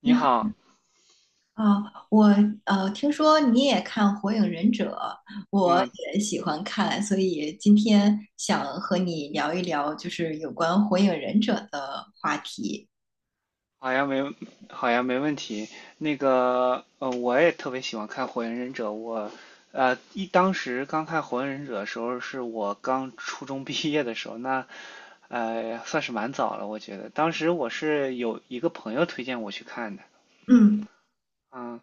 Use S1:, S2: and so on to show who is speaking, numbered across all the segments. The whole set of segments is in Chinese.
S1: 你
S2: 你好
S1: 好，
S2: 啊，我听说你也看《火影忍者》，我
S1: 嗯，
S2: 也喜欢看，所以今天想和你聊一聊，就是有关《火影忍者》的话题。
S1: 好呀，没，好呀，没问题。那个，我也特别喜欢看《火影忍者》，当时刚看《火影忍者》的时候，是我刚初中毕业的时候，那，算是蛮早了，我觉得。当时我是有一个朋友推荐我去看的，
S2: 嗯
S1: 嗯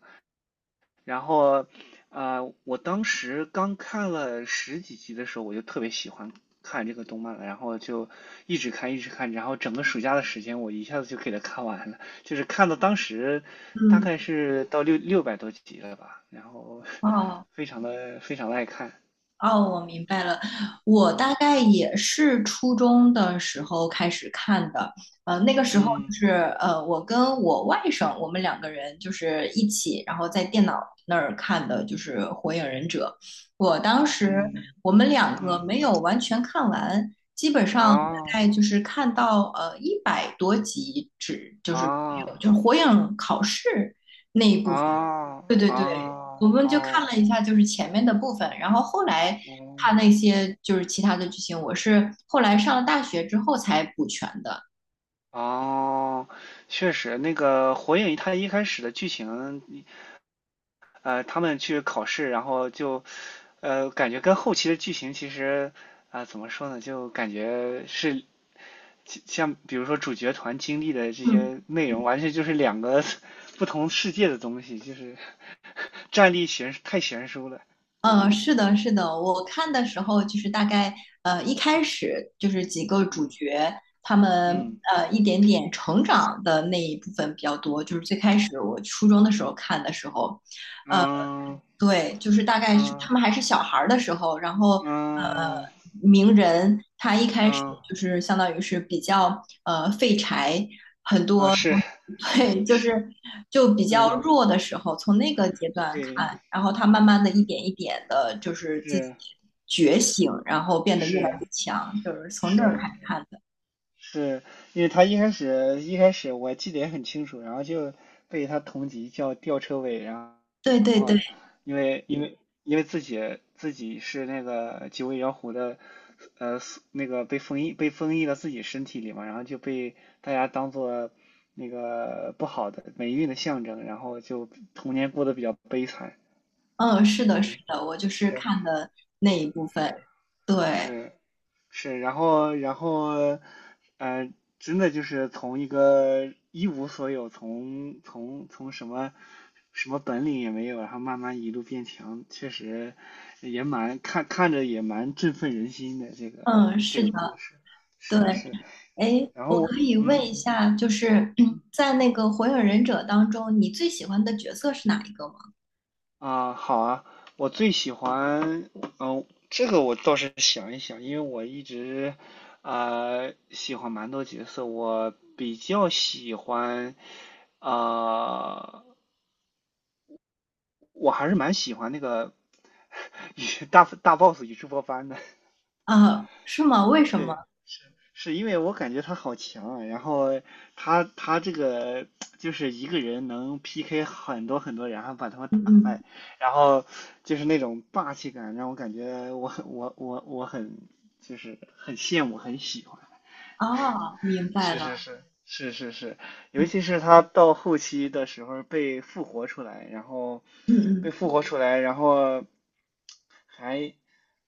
S1: 然后，我当时刚看了十几集的时候，我就特别喜欢看这个动漫了，然后就一直看，一直看，然后整个暑假的时间，我一下子就给它看完了，就是看到当时大
S2: 嗯，
S1: 概是到六百多集了吧，然后
S2: 哦。
S1: 非常的非常的爱看。
S2: 哦，我明白了。我大
S1: 嗯
S2: 概也是初中的时候开始看的，那个时候就
S1: 嗯
S2: 是我跟我外甥，我们两个人就是一起，然后在电脑那儿看的，就是《火影忍者》。我当时
S1: 嗯
S2: 我们两个
S1: 嗯，
S2: 没有完全看完，基本上大
S1: 啊
S2: 概就是看到100多集，只就是有
S1: 啊
S2: 就是火影考试那一
S1: 啊
S2: 部分。对
S1: 啊，哦
S2: 对对，
S1: 哦
S2: 我们就看了
S1: 哦。
S2: 一下，就是前面的部分，然后后来
S1: 哦
S2: 他那些就是其他的剧情，我是后来上了大学之后才补全的。
S1: 哦，确实，那个《火影》它一开始的剧情，他们去考试，然后就，感觉跟后期的剧情其实，怎么说呢，就感觉是像比如说主角团经历的这
S2: 嗯，
S1: 些内容，完全就是两个 不同世界的东西，就是战力太悬殊了，我感觉。
S2: 是的，是的，我看的时候就是大概一开始就是几个主
S1: 嗯
S2: 角他们
S1: 嗯
S2: 一点点成长的那一部分比较多，就是最开始我初中的时候看的时候。呃
S1: 嗯
S2: 对，就是大概是他
S1: 嗯
S2: 们还是小孩儿的时候，然后呃，
S1: 嗯
S2: 鸣人他一开始
S1: 嗯
S2: 就是相当于是比较废柴，
S1: 嗯，是，
S2: 对，就是就比较
S1: 嗯，
S2: 弱的时候，从那个阶段
S1: 对，
S2: 看，然后他慢慢的一点一点的，就是自己
S1: 是
S2: 觉醒，然后变得越来越
S1: 是。
S2: 强，就是从这儿
S1: 是
S2: 开始看的。
S1: 是因为他一开始我记得也很清楚，然后就被他同级叫吊车尾，然后
S2: 对对对，
S1: 因为因为因为自己是那个九尾妖狐的，呃，那个被封印到自己身体里嘛，然后就被大家当做那个不好的霉运的象征，然后就童年过得比较悲惨。
S2: 嗯，是的，是
S1: 是
S2: 的，我就是
S1: 是
S2: 看的那一部分，
S1: 是
S2: 对，
S1: 是，是，然后，呃，真的就是从一个一无所有，从什么本领也没有，然后慢慢一路变强，确实也蛮看着也蛮振奋人心的这个
S2: 嗯，
S1: 这
S2: 是
S1: 个故
S2: 的，
S1: 事，
S2: 对。
S1: 是是，
S2: 哎，
S1: 然后
S2: 我可
S1: 我
S2: 以问
S1: 嗯。
S2: 一下，就是嗯 在那个《火影忍者》当中，你最喜欢的角色是哪一个吗？
S1: 啊，好啊，我最喜欢，这个我倒是想一想，因为我一直喜欢蛮多角色，我比较喜欢，啊、我还是蛮喜欢那个 与大 boss 宇智波斑的，
S2: 啊，是吗？为什么？
S1: 对，是因为我感觉他好强啊，然后他这个就是一个人能 PK 很多很多人，然后把他们
S2: 嗯
S1: 打
S2: 嗯，
S1: 败，然后就是那种霸气感，让我感觉我就是很羡慕，很喜欢。
S2: 哦，明白
S1: 是是
S2: 了。
S1: 是是是是，尤
S2: 嗯
S1: 其是他到后期的时候被复活出来，然后
S2: 嗯
S1: 被
S2: 嗯，
S1: 复活出来，然后还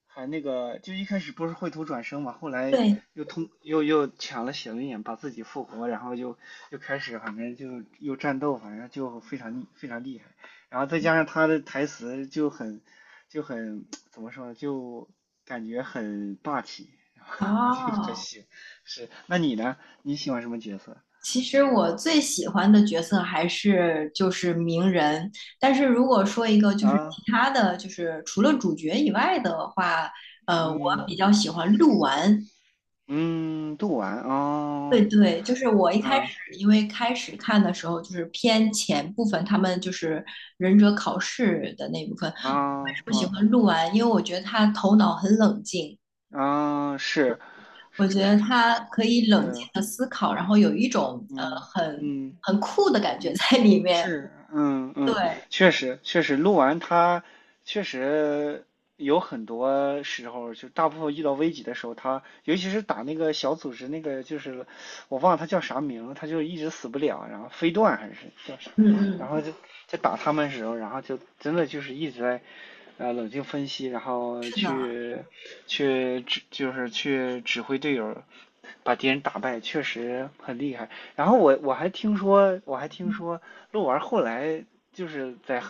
S1: 还那个，就一开始不是绘图转生嘛，后来
S2: 对，
S1: 又通又又抢了血轮眼，把自己复活，然后又开始，反正就又战斗，反正就非常厉害。然后再加上他的台词就很怎么说呢，就感觉很霸气，就很
S2: 哦，
S1: 喜是。那你呢？你喜欢什么角色
S2: 其实我最喜欢的角色还是就是鸣人，但是如果说一个就是
S1: 啊？
S2: 其他的就是除了主角以外的话，我
S1: 嗯
S2: 比较喜欢鹿丸，
S1: 嗯，杜婉哦，
S2: 对对，就是我一开
S1: 啊
S2: 始，因为开始看的时候就是偏前部分，他们就是忍者考试的那部分。为
S1: 啊
S2: 什么喜
S1: 啊
S2: 欢鹿丸？因为我觉得他头脑很冷静，
S1: 啊，是
S2: 我觉得他可以冷静
S1: 是，
S2: 的思考，然后有一种
S1: 嗯
S2: 很
S1: 嗯。
S2: 很酷的感觉
S1: 嗯，
S2: 在里面。
S1: 是，嗯
S2: 对，
S1: 嗯，确实确实，录完他确实有很多时候，就大部分遇到危急的时候，他尤其是打那个小组织那个，就是我忘了他叫啥名，他它就一直死不了，然后飞段还是叫啥，
S2: 嗯
S1: 然
S2: 嗯，
S1: 后就在打他们的时候，然后就真的就是一直在冷静分析，然后
S2: 是的，
S1: 去去指就是去指挥队友把敌人打败，确实很厉害。然后我还听说，鹿丸后来就是在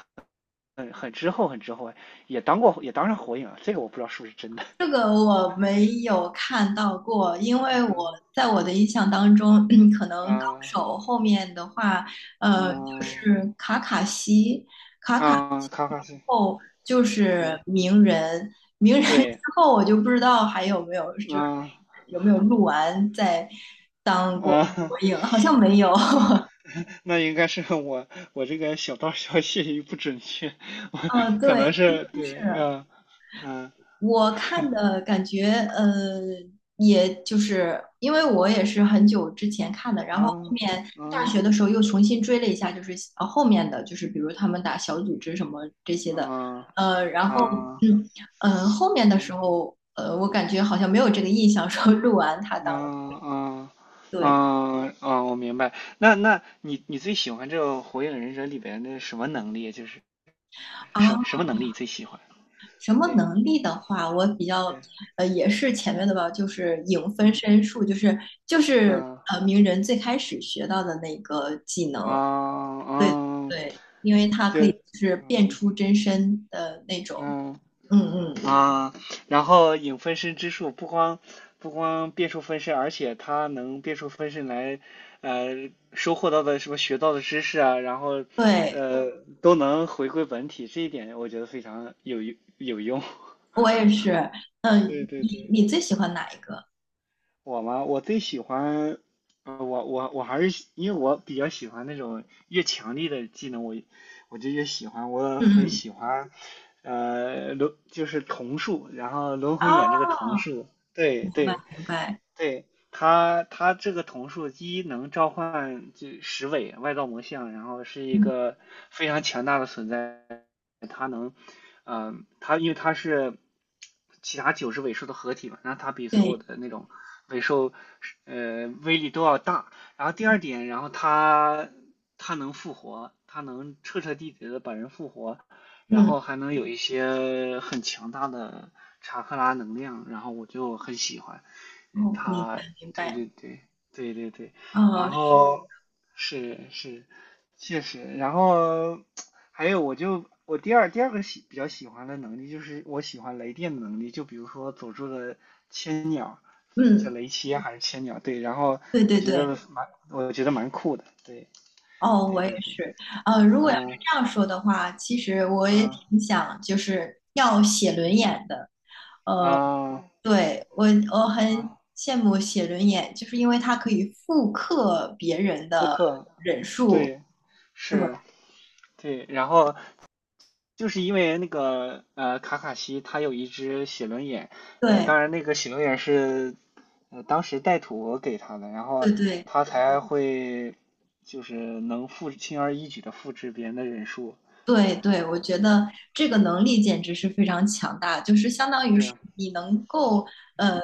S1: 很之后也当上火影了，这个我不知道是不是真的。
S2: 这个我没有看到过，因为我
S1: 嗯
S2: 在我的印象当中，可能高
S1: 啊
S2: 手后面的话，就
S1: 嗯
S2: 是卡卡西，卡卡
S1: 啊，
S2: 西
S1: 卡卡
S2: 之
S1: 西
S2: 后就
S1: 是
S2: 是鸣人，鸣人 之
S1: 对，
S2: 后我就不知道还有没有，就是
S1: 啊
S2: 有没有录完再当过
S1: 啊，
S2: 火 影，好像没有。
S1: 那应该是我这个小道消息不准确，我
S2: 嗯，
S1: 可
S2: 对。
S1: 能是对，
S2: 是。
S1: 嗯嗯
S2: 我看的感觉，呃，也就是因为我也是很久之前看的，然后后
S1: 啊
S2: 面大
S1: 嗯
S2: 学的时候又重新追了一下，就是后面的就是比如他们打小组织什么这些的，
S1: 啊
S2: 然后
S1: 啊
S2: 后面的时
S1: 嗯
S2: 候，我感觉好像没有这个印象说鹿完他当
S1: 啊
S2: 了
S1: 啊
S2: 对
S1: 啊啊！我明白。那你最喜欢这个《火影忍者》里边的什么能力？就是
S2: 啊，
S1: 什么什么能力最喜欢？
S2: 什么
S1: 对
S2: 能力的话，我比较
S1: 对，
S2: 也是前面的吧，就是影分
S1: 嗯
S2: 身术，就是
S1: 嗯啊
S2: 鸣人最开始学到的那个技
S1: 啊
S2: 能。对，
S1: 啊，
S2: 对，因为它
S1: 就
S2: 可以就是变
S1: 嗯
S2: 出真身的那种。
S1: 嗯。
S2: 嗯嗯，
S1: 啊，然后影分身之术不光变出分身，而且它能变出分身来，收获到的什么学到的知识啊，然后
S2: 对，
S1: 呃都能回归本体，这一点我觉得非常有用。
S2: 我也是。
S1: 对
S2: 嗯，
S1: 对
S2: 你
S1: 对。
S2: 你最喜欢哪一个？
S1: 我嘛，我最喜欢，我还是因为我比较喜欢那种越强力的技能，我就越喜欢，我
S2: 嗯
S1: 很
S2: 嗯，
S1: 喜欢，就是瞳术，然后龙魂眼这
S2: 哦，
S1: 个瞳术，对对，
S2: 明白。
S1: 对，它这个瞳术一能召唤就十尾外道魔像，然后是一
S2: 嗯，
S1: 个非常强大的存在，它能，它因为它是其他九只尾兽的合体嘛，那它比所有
S2: 对，
S1: 的那种尾兽是威力都要大。然后第二点，然后它能复活，它能彻彻底底的把人复活，然
S2: 嗯，
S1: 后还能有一些很强大的查克拉能量，然后我就很喜欢。嗯
S2: 哦，明白
S1: 他，
S2: 明
S1: 对
S2: 白。
S1: 对对对对对，然
S2: 哦，是
S1: 后是是，确实，然后还有我第二个比较喜欢的能力就是我喜欢雷电的能力，就比如说佐助的千鸟，叫
S2: 嗯，
S1: 雷切还是千鸟，对，然后
S2: 对对对。
S1: 我觉得蛮酷的，对
S2: 哦，
S1: 对
S2: 我也
S1: 对对，
S2: 是。如果要是
S1: 嗯
S2: 这样说的话，其实我也
S1: 嗯
S2: 挺想就是要写轮眼的。呃。
S1: 啊
S2: 对，我很
S1: 啊，
S2: 羡慕写轮眼，就是因为它可以复刻别人
S1: 布
S2: 的，
S1: 克，对是，
S2: 对
S1: 对，然后就是因为那个卡卡西他有一只写轮眼，
S2: 对
S1: 当然那个写轮眼是当时带土给他的，然
S2: 对
S1: 后
S2: 对，
S1: 他才会就是轻而易举的复制别人的忍术。
S2: 对对，我觉得这个能力简直是非常强大，就是相当于是
S1: 是，
S2: 你能够呃
S1: 嗯，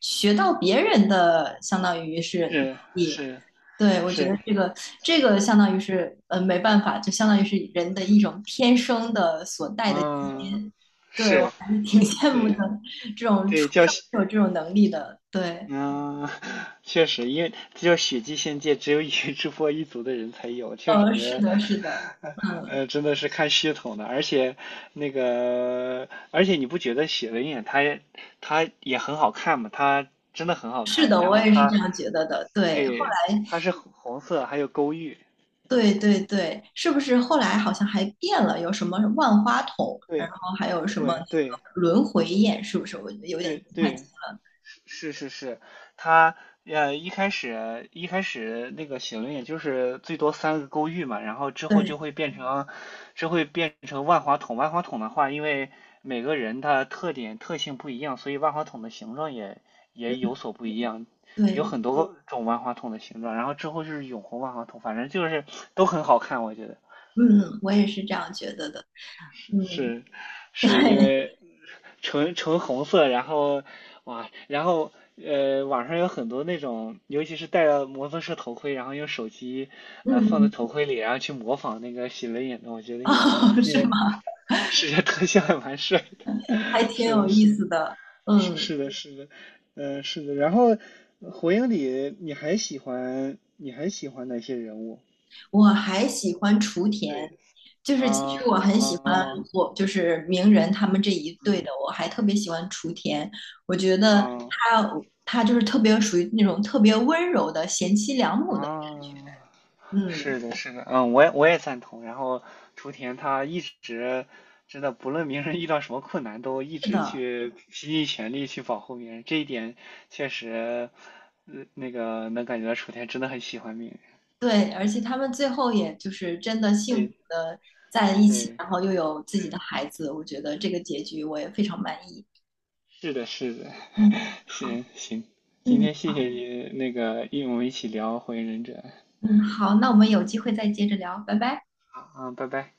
S2: 学到别人的，相当于是能
S1: 是
S2: 力。
S1: 是
S2: 对，我觉得
S1: 是，
S2: 这个相当于是没办法，就相当于是人的一种天生的所带的基
S1: 嗯，
S2: 因。对，我
S1: 是，
S2: 还是挺
S1: 就
S2: 羡慕的，
S1: 对
S2: 这种出
S1: 对，叫喜
S2: 生就有这种能力的。对，
S1: 嗯，确实，因为只有血祭仙界只有宇智波一族的人才有，确实，
S2: 是的，是的，嗯，
S1: 真的是看系统的。而且那个，而且你不觉得写轮眼它也很好看吗？它真的很好
S2: 是
S1: 看，
S2: 的，
S1: 然
S2: 我
S1: 后
S2: 也是这
S1: 它
S2: 样觉得的。对。
S1: 对它是红红色，还有勾玉，
S2: 对对对，是不是后来好像还变了？有什么万花筒，然
S1: 对
S2: 后还有什么
S1: 对对
S2: 那个轮回宴，是不是？我有点
S1: 对
S2: 不太清。
S1: 对，是是是，它一开始那个写轮眼就是最多三个勾玉嘛，然后之后就
S2: 对
S1: 会变成万花筒。万花筒的话，因为每个人他特点特性不一样，所以万花筒的形状也
S2: 嗯
S1: 有所不一样，有
S2: 对，
S1: 很多种万花筒的形状。然后之后就是永红万花筒，反正就是都很好看，我觉得
S2: 嗯，我也是这样觉得的。嗯，
S1: 是是因 为纯纯红色，然后哇，然后网上有很多那种，尤其是戴了摩托车头盔，然后用手机
S2: 对，嗯
S1: 放在
S2: 嗯，
S1: 头盔里，然后去模仿那个喜雷眼的，我觉 得也蛮
S2: 哦，是
S1: 也
S2: 吗？
S1: 视觉特效也蛮帅。
S2: 还挺
S1: 是
S2: 有
S1: 的，
S2: 意
S1: 是的，
S2: 思的。
S1: 是
S2: 嗯。
S1: 是的，是的，是的。然后，火影里你还喜欢哪些人物？
S2: 我还喜欢雏田，
S1: 对
S2: 就是其实
S1: 啊
S2: 我很喜欢
S1: 啊
S2: 我就是鸣人他们这一对
S1: 嗯
S2: 的，我还特别喜欢雏田，我觉得
S1: 啊
S2: 他他就是特别属于那种特别温柔的贤妻良母的，
S1: 啊，是
S2: 嗯，
S1: 的，是的，嗯，我也赞同。然后雏田他一直真的不论鸣人遇到什么困难，都一
S2: 是
S1: 直
S2: 的，
S1: 去拼尽全力去保护鸣人，这一点确实，那个能感觉到雏田真的很喜欢鸣人。
S2: 对，而且他们最后也就是真的幸福
S1: 对
S2: 的在一起，
S1: 对
S2: 然后又有自己的
S1: 对。
S2: 孩子，我觉得这个结局我也非常满意。
S1: 是的，是的，
S2: 嗯 好，
S1: 行行，今
S2: 嗯
S1: 天谢谢你那个，因为我们一起聊《火影忍者》，
S2: 嗯，好，那我们有机会再接着聊，拜拜。
S1: 好啊，拜拜。